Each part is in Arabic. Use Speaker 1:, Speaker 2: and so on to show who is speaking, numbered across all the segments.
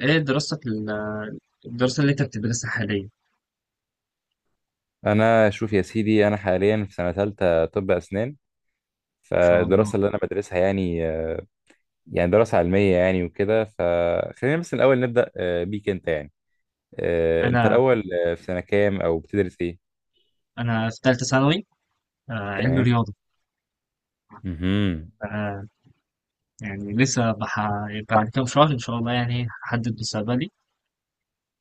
Speaker 1: ايه دراستك الدراسة اللي انت بتدرسها حاليا ان
Speaker 2: انا، شوف يا سيدي، انا حاليا في سنه ثالثه طب اسنان.
Speaker 1: شاء الله.
Speaker 2: فالدراسه اللي انا بدرسها، يعني يعني دراسه علميه، يعني وكده. فخلينا بس الاول نبدا بيك انت، يعني انت
Speaker 1: انا
Speaker 2: الاول في سنه كام او بتدرس ايه؟
Speaker 1: انا في ثالثة ثانوي، علمي
Speaker 2: تمام.
Speaker 1: رياضة.
Speaker 2: امم.
Speaker 1: آه، يعني بعد كام شهر ان شاء الله يعني هحدد مستقبلي.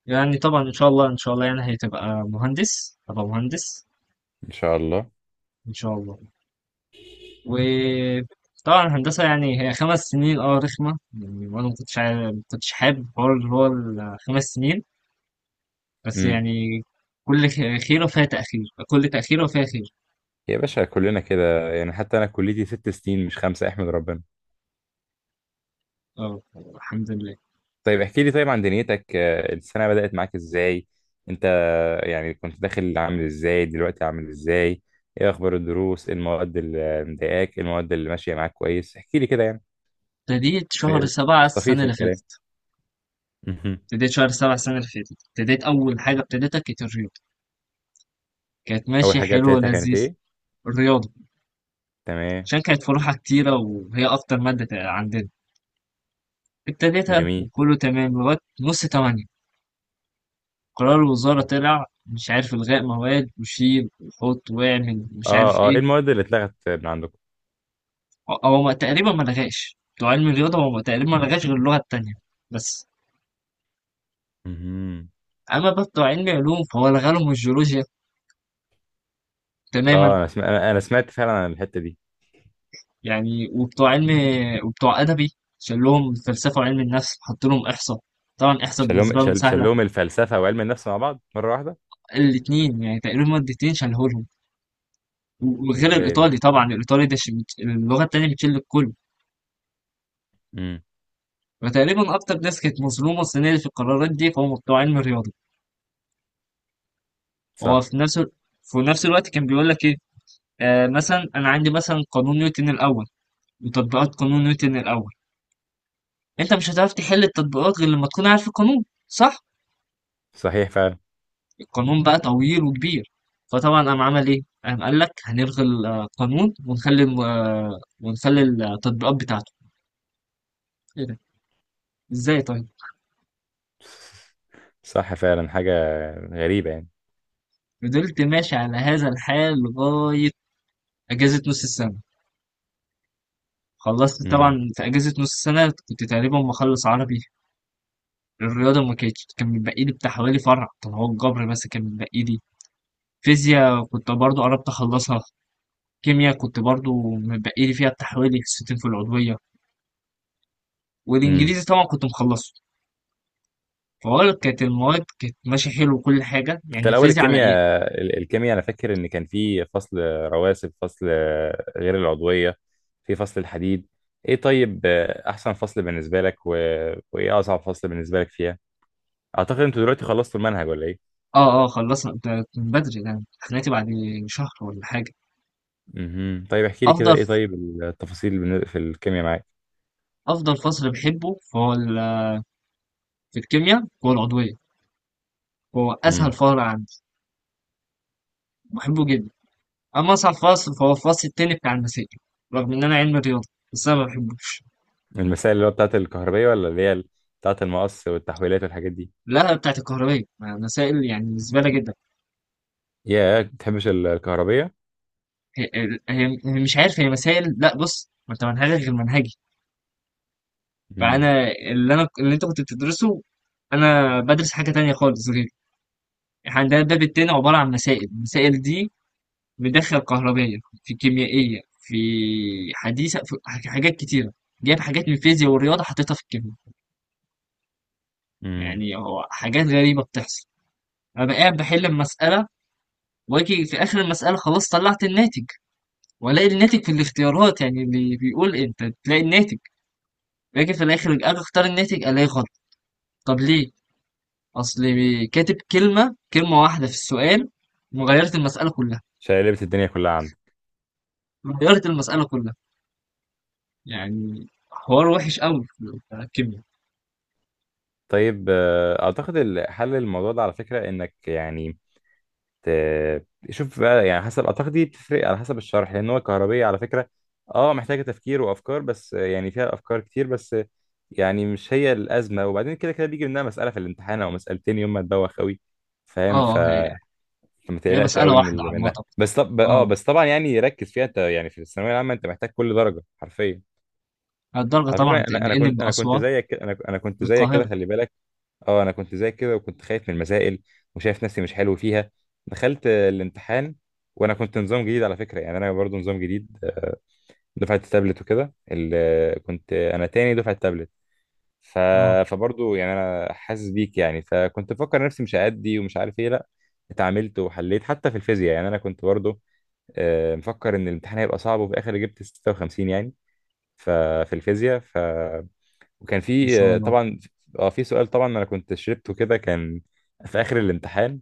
Speaker 1: يعني طبعا ان شاء الله ان شاء الله يعني هتبقى مهندس، هبقى مهندس
Speaker 2: ان شاء الله.
Speaker 1: ان شاء الله. وطبعا الهندسة يعني هي خمس سنين، اه رخمة يعني، وانا ما كنتش حابب حوار اللي هو الخمس سنين، بس
Speaker 2: امم.
Speaker 1: يعني خيرة فيها تأخير، كل تأخيرة فيها خير.
Speaker 2: يا باشا، كلنا كده يعني، حتى انا كليتي 6 سنين مش خمسه، احمد ربنا.
Speaker 1: اه الحمد لله.
Speaker 2: طيب احكي لي، طيب عن دنيتك السنة بدأت معاك ازاي انت؟ يعني كنت داخل عامل ازاي، دلوقتي عامل ازاي؟ ايه اخبار الدروس؟ إيه المواد اللي مضايقاك؟ إيه المواد اللي ماشية معاك كويس؟ احكي لي كده يعني،
Speaker 1: ابتديت شهر
Speaker 2: يعني
Speaker 1: 7
Speaker 2: استفيد
Speaker 1: السنة
Speaker 2: في
Speaker 1: اللي
Speaker 2: الكلام.
Speaker 1: فاتت،
Speaker 2: مهم.
Speaker 1: ابتديت شهر 7 السنة اللي فاتت، ابتديت أول حاجة ابتديتها كانت الرياضة، كانت
Speaker 2: اول
Speaker 1: ماشية
Speaker 2: حاجة
Speaker 1: حلوة
Speaker 2: ابتديتها كانت
Speaker 1: ولذيذ.
Speaker 2: ايه؟
Speaker 1: الرياضة
Speaker 2: تمام.
Speaker 1: عشان كانت فروعها كتيرة وهي أكتر عندنا. ابتديتها
Speaker 2: جميل.
Speaker 1: وكله تمام لغاية نص تمانية، قرار الوزارة طلع مش عارف إلغاء مواد وشيل وحط واعمل مش
Speaker 2: اه،
Speaker 1: عارف
Speaker 2: اه، ايه
Speaker 1: إيه.
Speaker 2: المواد اللي اتلغت من عندكم؟
Speaker 1: هو ما- تقريبا ما لغاش، بتوع علم الرياضة هو تقريبا ما لغاش غير اللغة التانية بس.
Speaker 2: مهم.
Speaker 1: أما بقى بتوع علم علوم فهو لغالهم الجيولوجيا تماما.
Speaker 2: اه انا سمعت، أنا سمعت فعلا عن الحتة دي.
Speaker 1: يعني وبتوع علم، وبتوع أدبي شال لهم فلسفة وعلم النفس، حط لهم إحصاء. طبعا إحصاء
Speaker 2: شالهم
Speaker 1: بالنسبة لهم
Speaker 2: شال-
Speaker 1: سهلة.
Speaker 2: شالهم الفلسفة وعلم النفس مع بعض مرة واحدة؟
Speaker 1: الاتنين يعني تقريبا مادتين شالهولهم، وغير
Speaker 2: ازاي ده؟
Speaker 1: الإيطالي طبعا، الإيطالي اللغة التانية بتشيل الكل.
Speaker 2: امم.
Speaker 1: فتقريبا أكتر ناس كانت مظلومة السنة دي في القرارات دي فهم بتوع علم الرياضة. هو
Speaker 2: صح.
Speaker 1: في نفس ال- في نفس الوقت كان بيقول لك إيه، آه مثلا أنا عندي مثلا قانون نيوتن الأول وتطبيقات قانون نيوتن الأول، أنت مش هتعرف تحل التطبيقات غير لما تكون عارف القانون صح؟
Speaker 2: صحيح فعلا.
Speaker 1: قانون بقى طويل وكبير. فطبعا قام عمل ايه، قام قال لك هنلغي القانون ونخلي ونخلي التطبيقات بتاعته. ايه ده، ازاي طيب.
Speaker 2: صح فعلا، حاجة غريبة يعني.
Speaker 1: فضلت ماشي على هذا الحال لغاية أجازة نص السنة. خلصت
Speaker 2: امم.
Speaker 1: طبعا في أجازة نص السنة كنت تقريبا مخلص عربي، الرياضة ما كانتش، كان متبقي لي بتاع حوالي فرع طب هو الجبر بس كان متبقي لي. فيزياء كنت برضو قربت أخلصها، كيمياء كنت برضو متبقي لي فيها بتاع حوالي حصتين في العضوية،
Speaker 2: امم.
Speaker 1: والإنجليزي طبعا كنت مخلصه. فهقول لك كانت المواد كانت ماشية حلو وكل حاجة.
Speaker 2: انت
Speaker 1: يعني
Speaker 2: الأول
Speaker 1: الفيزياء على إيه؟
Speaker 2: الكيمياء، الكيمياء أنا فاكر إن كان في فصل رواسب، فصل غير العضوية، في فصل الحديد. إيه طيب أحسن فصل بالنسبة لك و... وإيه أصعب فصل بالنسبة لك فيها؟ أعتقد أنتوا دلوقتي خلصتوا المنهج ولا إيه؟
Speaker 1: آه آه خلصنا ده من بدري، ده امتحاناتي بعد شهر ولا حاجة.
Speaker 2: امم. طيب احكي لي كده،
Speaker 1: أفضل
Speaker 2: إيه طيب التفاصيل في الكيمياء معاك؟
Speaker 1: أفضل فصل بحبه في الكيمياء هو العضوية، هو أسهل
Speaker 2: امم.
Speaker 1: فصل عندي، بحبه جدا. أما أصعب فصل فهو الفصل التاني بتاع المسائل، رغم إن أنا علم رياضة بس أنا ما بحبوش.
Speaker 2: المسائل اللي هو بتاعت الكهربية ولا اللي هي بتاعت المقص والتحويلات والحاجات دي؟
Speaker 1: لا بتاعت الكهربية، ما مسائل يعني زبالة جدا.
Speaker 2: يا ما بتحبش الكهربية؟
Speaker 1: هي, هي مش عارف، هي مسائل، لا بص ما أنت منهجك غير منهجي.
Speaker 2: امم.
Speaker 1: فانا اللي انا اللي انت كنت بتدرسه انا بدرس حاجه تانية خالص. غير احنا عندنا الباب التاني عباره عن مسائل، المسائل دي مدخل كهربائيه، في كيميائيه، في حديثه، في حاجات كتيره، جايب حاجات من الفيزياء والرياضه حطيتها في الكيمياء.
Speaker 2: امم.
Speaker 1: يعني هو حاجات غريبه بتحصل. انا بقى قاعد بحل المساله، واجي في اخر المساله خلاص طلعت الناتج، والاقي الناتج في الاختيارات، يعني اللي بيقول انت تلاقي الناتج، باجي في الاخر اجي اختار الناتج الاقي غلط. طب ليه؟ أصلي كاتب كلمة، كلمة واحدة في السؤال وغيرت المسألة كلها،
Speaker 2: شقلبت الدنيا كلها عندك.
Speaker 1: غيرت المسألة كلها. يعني حوار وحش قوي بتاع الكيمياء.
Speaker 2: طيب اعتقد حل الموضوع ده على فكره، انك يعني شوف بقى، يعني حسب اعتقد دي بتفرق على حسب الشرح، لان هو الكهربيه على فكره اه محتاجه تفكير وافكار، بس يعني فيها افكار كتير، بس يعني مش هي الازمه. وبعدين كده كده بيجي منها مساله في الامتحان او مسالتين يوم ما تبوخ قوي، فاهم؟
Speaker 1: اه
Speaker 2: فما
Speaker 1: هي
Speaker 2: تقلقش
Speaker 1: مسألة
Speaker 2: قوي من
Speaker 1: واحدة عامة.
Speaker 2: منها. بس طب اه،
Speaker 1: اه
Speaker 2: بس طبعا يعني ركز فيها انت، يعني في الثانويه العامه انت محتاج كل درجه حرفيا.
Speaker 1: الدرجة
Speaker 2: على فكره
Speaker 1: طبعا
Speaker 2: انا
Speaker 1: تنقلني من
Speaker 2: كنت، انا كنت
Speaker 1: أسوان
Speaker 2: زيك انا كنت زيك كده،
Speaker 1: للقاهرة.
Speaker 2: خلي بالك. اه انا كنت زيك كده وكنت خايف من المسائل وشايف نفسي مش حلو فيها. دخلت الامتحان، وانا كنت نظام جديد على فكره، يعني انا برضو نظام جديد، دفعه التابلت وكده، كنت انا تاني دفعه التابلت. ف...
Speaker 1: اه
Speaker 2: فبرضو يعني انا حاسس بيك، يعني فكنت بفكر نفسي مش هأدي ومش عارف ايه، لا اتعاملت وحليت. حتى في الفيزياء يعني انا كنت برضو مفكر ان الامتحان هيبقى صعب، وفي الاخر جبت 56 يعني. ففي الفيزياء وكان
Speaker 1: ما
Speaker 2: في
Speaker 1: شاء الله.
Speaker 2: طبعا اه في سؤال، طبعا انا كنت شربته كده. كان في اخر الامتحان،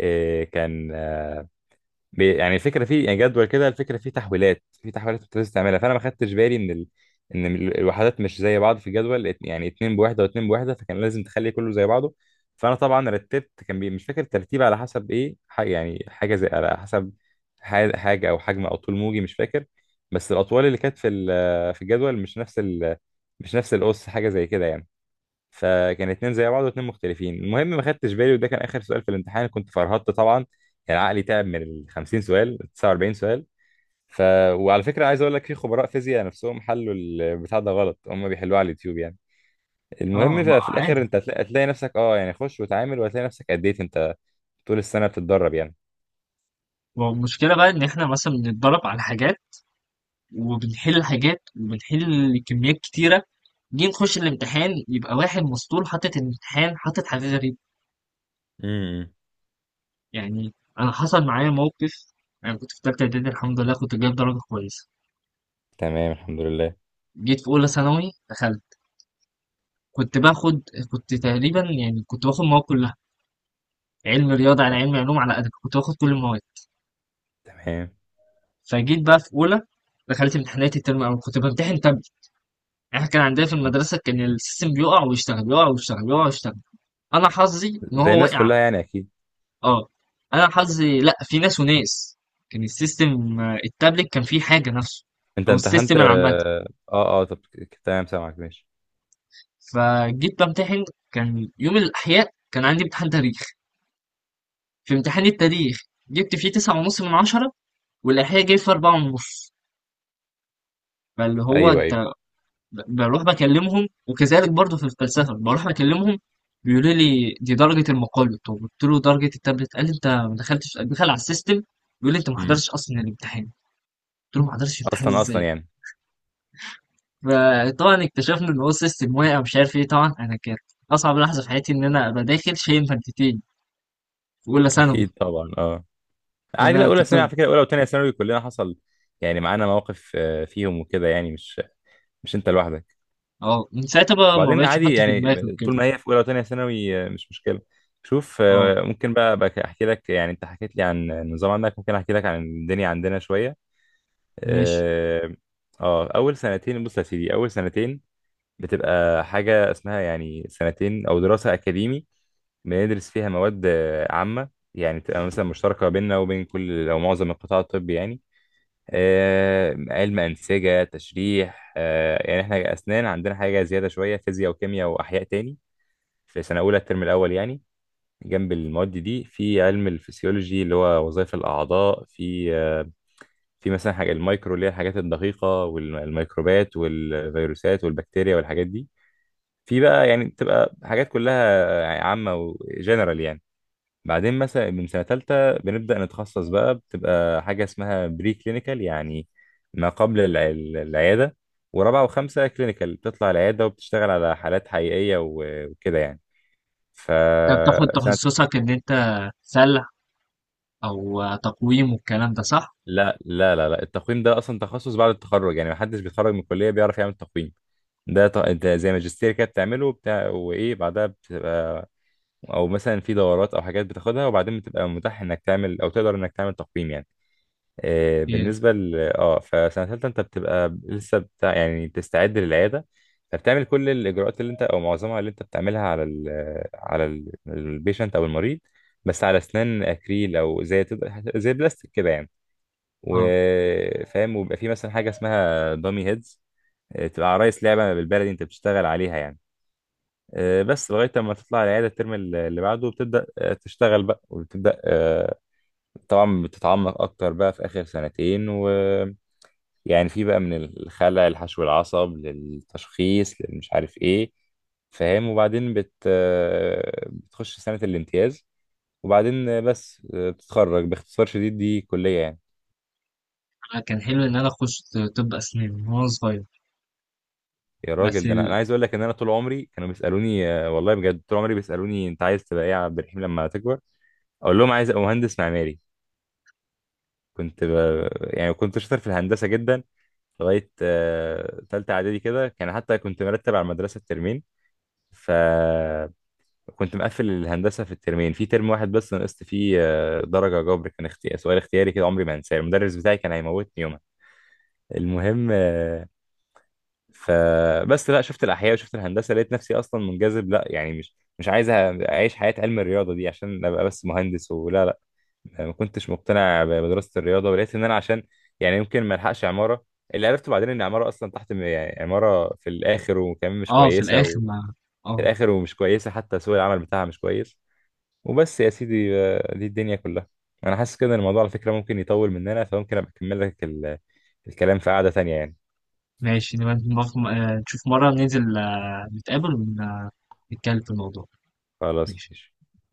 Speaker 2: كان يعني الفكره فيه، يعني جدول كده، الفكره فيه تحويلات في تحويلات كنت لازم تعملها. فانا ما خدتش بالي ان الوحدات مش زي بعض في الجدول، يعني اتنين بوحده واتنين بوحده، فكان لازم تخلي كله زي بعضه. فانا طبعا رتبت، كان مش فاكر الترتيب على حسب ايه، يعني حاجه زي على حسب حاجه او حجم او طول موجي، مش فاكر. بس الاطوال اللي كانت في الجدول مش نفس مش نفس القص، حاجه زي كده يعني. فكان اتنين زي بعض واتنين مختلفين. المهم ما خدتش بالي، وده كان اخر سؤال في الامتحان، كنت فرهطت طبعا، يعني عقلي تعب من ال 50 سؤال 49 سؤال. ف وعلى فكره عايز اقول لك في خبراء فيزياء نفسهم حلوا البتاع ده غلط، هم بيحلوه على اليوتيوب يعني.
Speaker 1: اه
Speaker 2: المهم
Speaker 1: ما
Speaker 2: ففي
Speaker 1: عادي.
Speaker 2: الاخر انت هتلاقي، هتلاقي نفسك اه، يعني خش وتعامل وهتلاقي نفسك أديت انت طول السنه بتتدرب يعني.
Speaker 1: والمشكلة بقى إن إحنا مثلا بنتدرب على حاجات، وبنحل حاجات، وبنحل كميات كتيرة، جينا نخش الامتحان يبقى واحد مسطول حاطط الامتحان، حاطط حاجة غريبة
Speaker 2: امم.
Speaker 1: يعني. انا حصل معايا موقف، انا كنت في تالتة اعدادي الحمد لله كنت جايب درجة كويسة.
Speaker 2: تمام، الحمد لله.
Speaker 1: جيت في اولى ثانوي دخلت، كنت باخد كنت تقريبا يعني كنت باخد مواد كلها، علم رياضة على علم علوم على ادب، كنت باخد كل المواد.
Speaker 2: تمام.
Speaker 1: فجيت بقى في اولى دخلت امتحانات الترم الاول، كنت بمتحن تابلت. احنا كان عندنا في المدرسة كان السيستم بيقع ويشتغل، يقع ويشتغل، يقع ويشتغل. انا حظي ان
Speaker 2: زي
Speaker 1: هو
Speaker 2: الناس
Speaker 1: وقع.
Speaker 2: كلها يعني اكيد.
Speaker 1: اه انا حظي، لا في ناس وناس، كان السيستم التابلت كان فيه حاجة نفسه،
Speaker 2: انت
Speaker 1: او
Speaker 2: امتحنت
Speaker 1: السيستم العامة.
Speaker 2: اه. اه، طب تمام، سامعك ماشي.
Speaker 1: فجيت بمتحن، كان يوم الأحياء كان عندي امتحان تاريخ. في امتحان التاريخ جبت فيه تسعة ونص من عشرة، والأحياء جاي فيه أربعة ونص. فاللي هو
Speaker 2: ايوه
Speaker 1: أنت
Speaker 2: ايوه.
Speaker 1: بروح بكلمهم، وكذلك برضه في الفلسفة بروح بكلمهم، بيقولوا لي دي درجة المقالة. طب قلت له درجة التابلت، قال لي أنت ما دخلتش دخل على السيستم، بيقول لي أنت ما
Speaker 2: امم.
Speaker 1: حضرتش أصلا الامتحان. قلت له ما حضرتش الامتحان
Speaker 2: اصلا اصلا
Speaker 1: إزاي.
Speaker 2: يعني.
Speaker 1: فطبعا اكتشفنا إن هو السيستم واقع مش عارف إيه. طبعا أنا كانت أصعب لحظة في حياتي إن أنا أبقى داخل شايل مادتين في أولى ثانوي.
Speaker 2: اكيد طبعا، اه
Speaker 1: ده
Speaker 2: عادي. لا
Speaker 1: انا
Speaker 2: اولى
Speaker 1: كنت،
Speaker 2: ثانوي على فكره، اولى وثانيه ثانوي كلنا حصل، يعني معانا مواقف فيهم وكده، يعني مش انت لوحدك.
Speaker 1: اه من ساعتها بقى ما
Speaker 2: وبعدين
Speaker 1: بقتش
Speaker 2: عادي
Speaker 1: احط في دماغي
Speaker 2: يعني،
Speaker 1: كده.
Speaker 2: طول ما هي في اولى وثانيه ثانوي مش مشكله. شوف
Speaker 1: اه
Speaker 2: ممكن بقى احكي لك، يعني انت حكيت لي عن النظام عندك، ممكن احكي لك عن الدنيا عندنا شويه.
Speaker 1: ماشي.
Speaker 2: اه، اول سنتين. بص يا سيدي، اول سنتين بتبقى حاجه اسمها يعني سنتين او دراسه اكاديمي، بندرس فيها مواد عامة، يعني تبقى مثلا مشتركة بيننا وبين كل أو معظم القطاع الطبي، يعني علم أنسجة، تشريح، يعني إحنا أسنان عندنا حاجة زيادة شوية، فيزياء وكيمياء وأحياء تاني، في سنة أولى الترم الأول يعني. جنب المواد دي في علم الفسيولوجي اللي هو وظائف الأعضاء، في في مثلا حاجة المايكرو اللي هي الحاجات الدقيقة والميكروبات والفيروسات والبكتيريا والحاجات دي. في بقى يعني بتبقى حاجات كلها عامة وجنرال يعني. بعدين مثلا من سنة تالتة بنبدأ نتخصص بقى، بتبقى حاجة اسمها بري كلينيكال، يعني ما قبل العيادة. ورابعة وخمسة كلينيكال بتطلع العيادة وبتشتغل على حالات حقيقية وكده يعني. ف
Speaker 1: انت بتاخد
Speaker 2: سنة
Speaker 1: تخصصك ان انت سلع او تقويم والكلام ده صح؟
Speaker 2: لا لا لا لا، التقويم ده أصلا تخصص بعد التخرج، يعني محدش بيتخرج من الكلية بيعرف يعمل تقويم. ده زي ماجستير كده بتعمله بتاع، وإيه بعدها بتبقى، أو مثلا في دورات أو حاجات بتاخدها، وبعدين بتبقى متاح إنك تعمل أو تقدر إنك تعمل تقويم يعني.
Speaker 1: اوكي.
Speaker 2: بالنسبة ل اه، فسنة تالتة انت بتبقى لسه بتاع يعني بتستعد للعيادة. فبتعمل كل الإجراءات اللي انت أو معظمها اللي انت بتعملها على البيشنت أو المريض، بس على أسنان أكريل، أو زي تبقى زي بلاستيك كده يعني.
Speaker 1: اه
Speaker 2: وفاهم، وبيبقى في مثلا حاجة اسمها دامي هيدز، تبقى عرايس لعبة بالبلدي انت بتشتغل عليها يعني. بس لغاية لما تطلع العيادة الترم اللي بعده بتبدأ تشتغل بقى، وبتبدأ طبعا بتتعمق أكتر بقى في آخر سنتين، و يعني في بقى من الخلع لحشو العصب للتشخيص مش عارف ايه. فاهم؟ وبعدين بت آه، بتخش سنة الامتياز، وبعدين بس بتتخرج. باختصار شديد دي كلية يعني.
Speaker 1: أنا كان حلو ان انا اخش طب اسنان من وانا صغير
Speaker 2: يا
Speaker 1: بس
Speaker 2: راجل، ده انا،
Speaker 1: ال...
Speaker 2: عايز اقول لك ان انا طول عمري كانوا بيسالوني، والله بجد طول عمري بيسالوني انت عايز تبقى ايه يا عبد الرحيم لما تكبر. اقول لهم عايز ابقى مهندس معماري. كنت ب... يعني كنت شاطر في الهندسة جدا لغاية تالتة اعدادي كده، كان حتى كنت مرتب على المدرسة الترمين. ف كنت مقفل الهندسه في الترمين، في ترم واحد بس نقصت فيه درجه جبر، كان سؤال اختياري كده عمري ما انساه، المدرس بتاعي كان هيموتني يومها. المهم فبس، لا شفت الاحياء وشفت الهندسه لقيت نفسي اصلا منجذب، لا يعني مش عايز اعيش حياه علم الرياضه دي عشان ابقى بس مهندس ولا لا. ما كنتش مقتنع بدراسه الرياضه، ولقيت ان انا عشان يعني يمكن ما الحقش عماره. اللي عرفته بعدين ان عماره اصلا تحت يعني عماره في الاخر، وكمان مش
Speaker 1: اه في
Speaker 2: كويسه،
Speaker 1: الاخر
Speaker 2: وفي
Speaker 1: ما، اه
Speaker 2: الاخر ومش كويسه، حتى سوق العمل بتاعها مش كويس. وبس يا سيدي، دي الدنيا كلها. انا حاسس كده ان الموضوع على فكرة ممكن يطول مننا، فممكن ابقى اكمل لك الكلام في قعدة تانية يعني.
Speaker 1: ماشي. نشوف مرة ننزل نتقابل ونتكلم في الموضوع.
Speaker 2: خلاص
Speaker 1: ماشي.
Speaker 2: ماشي.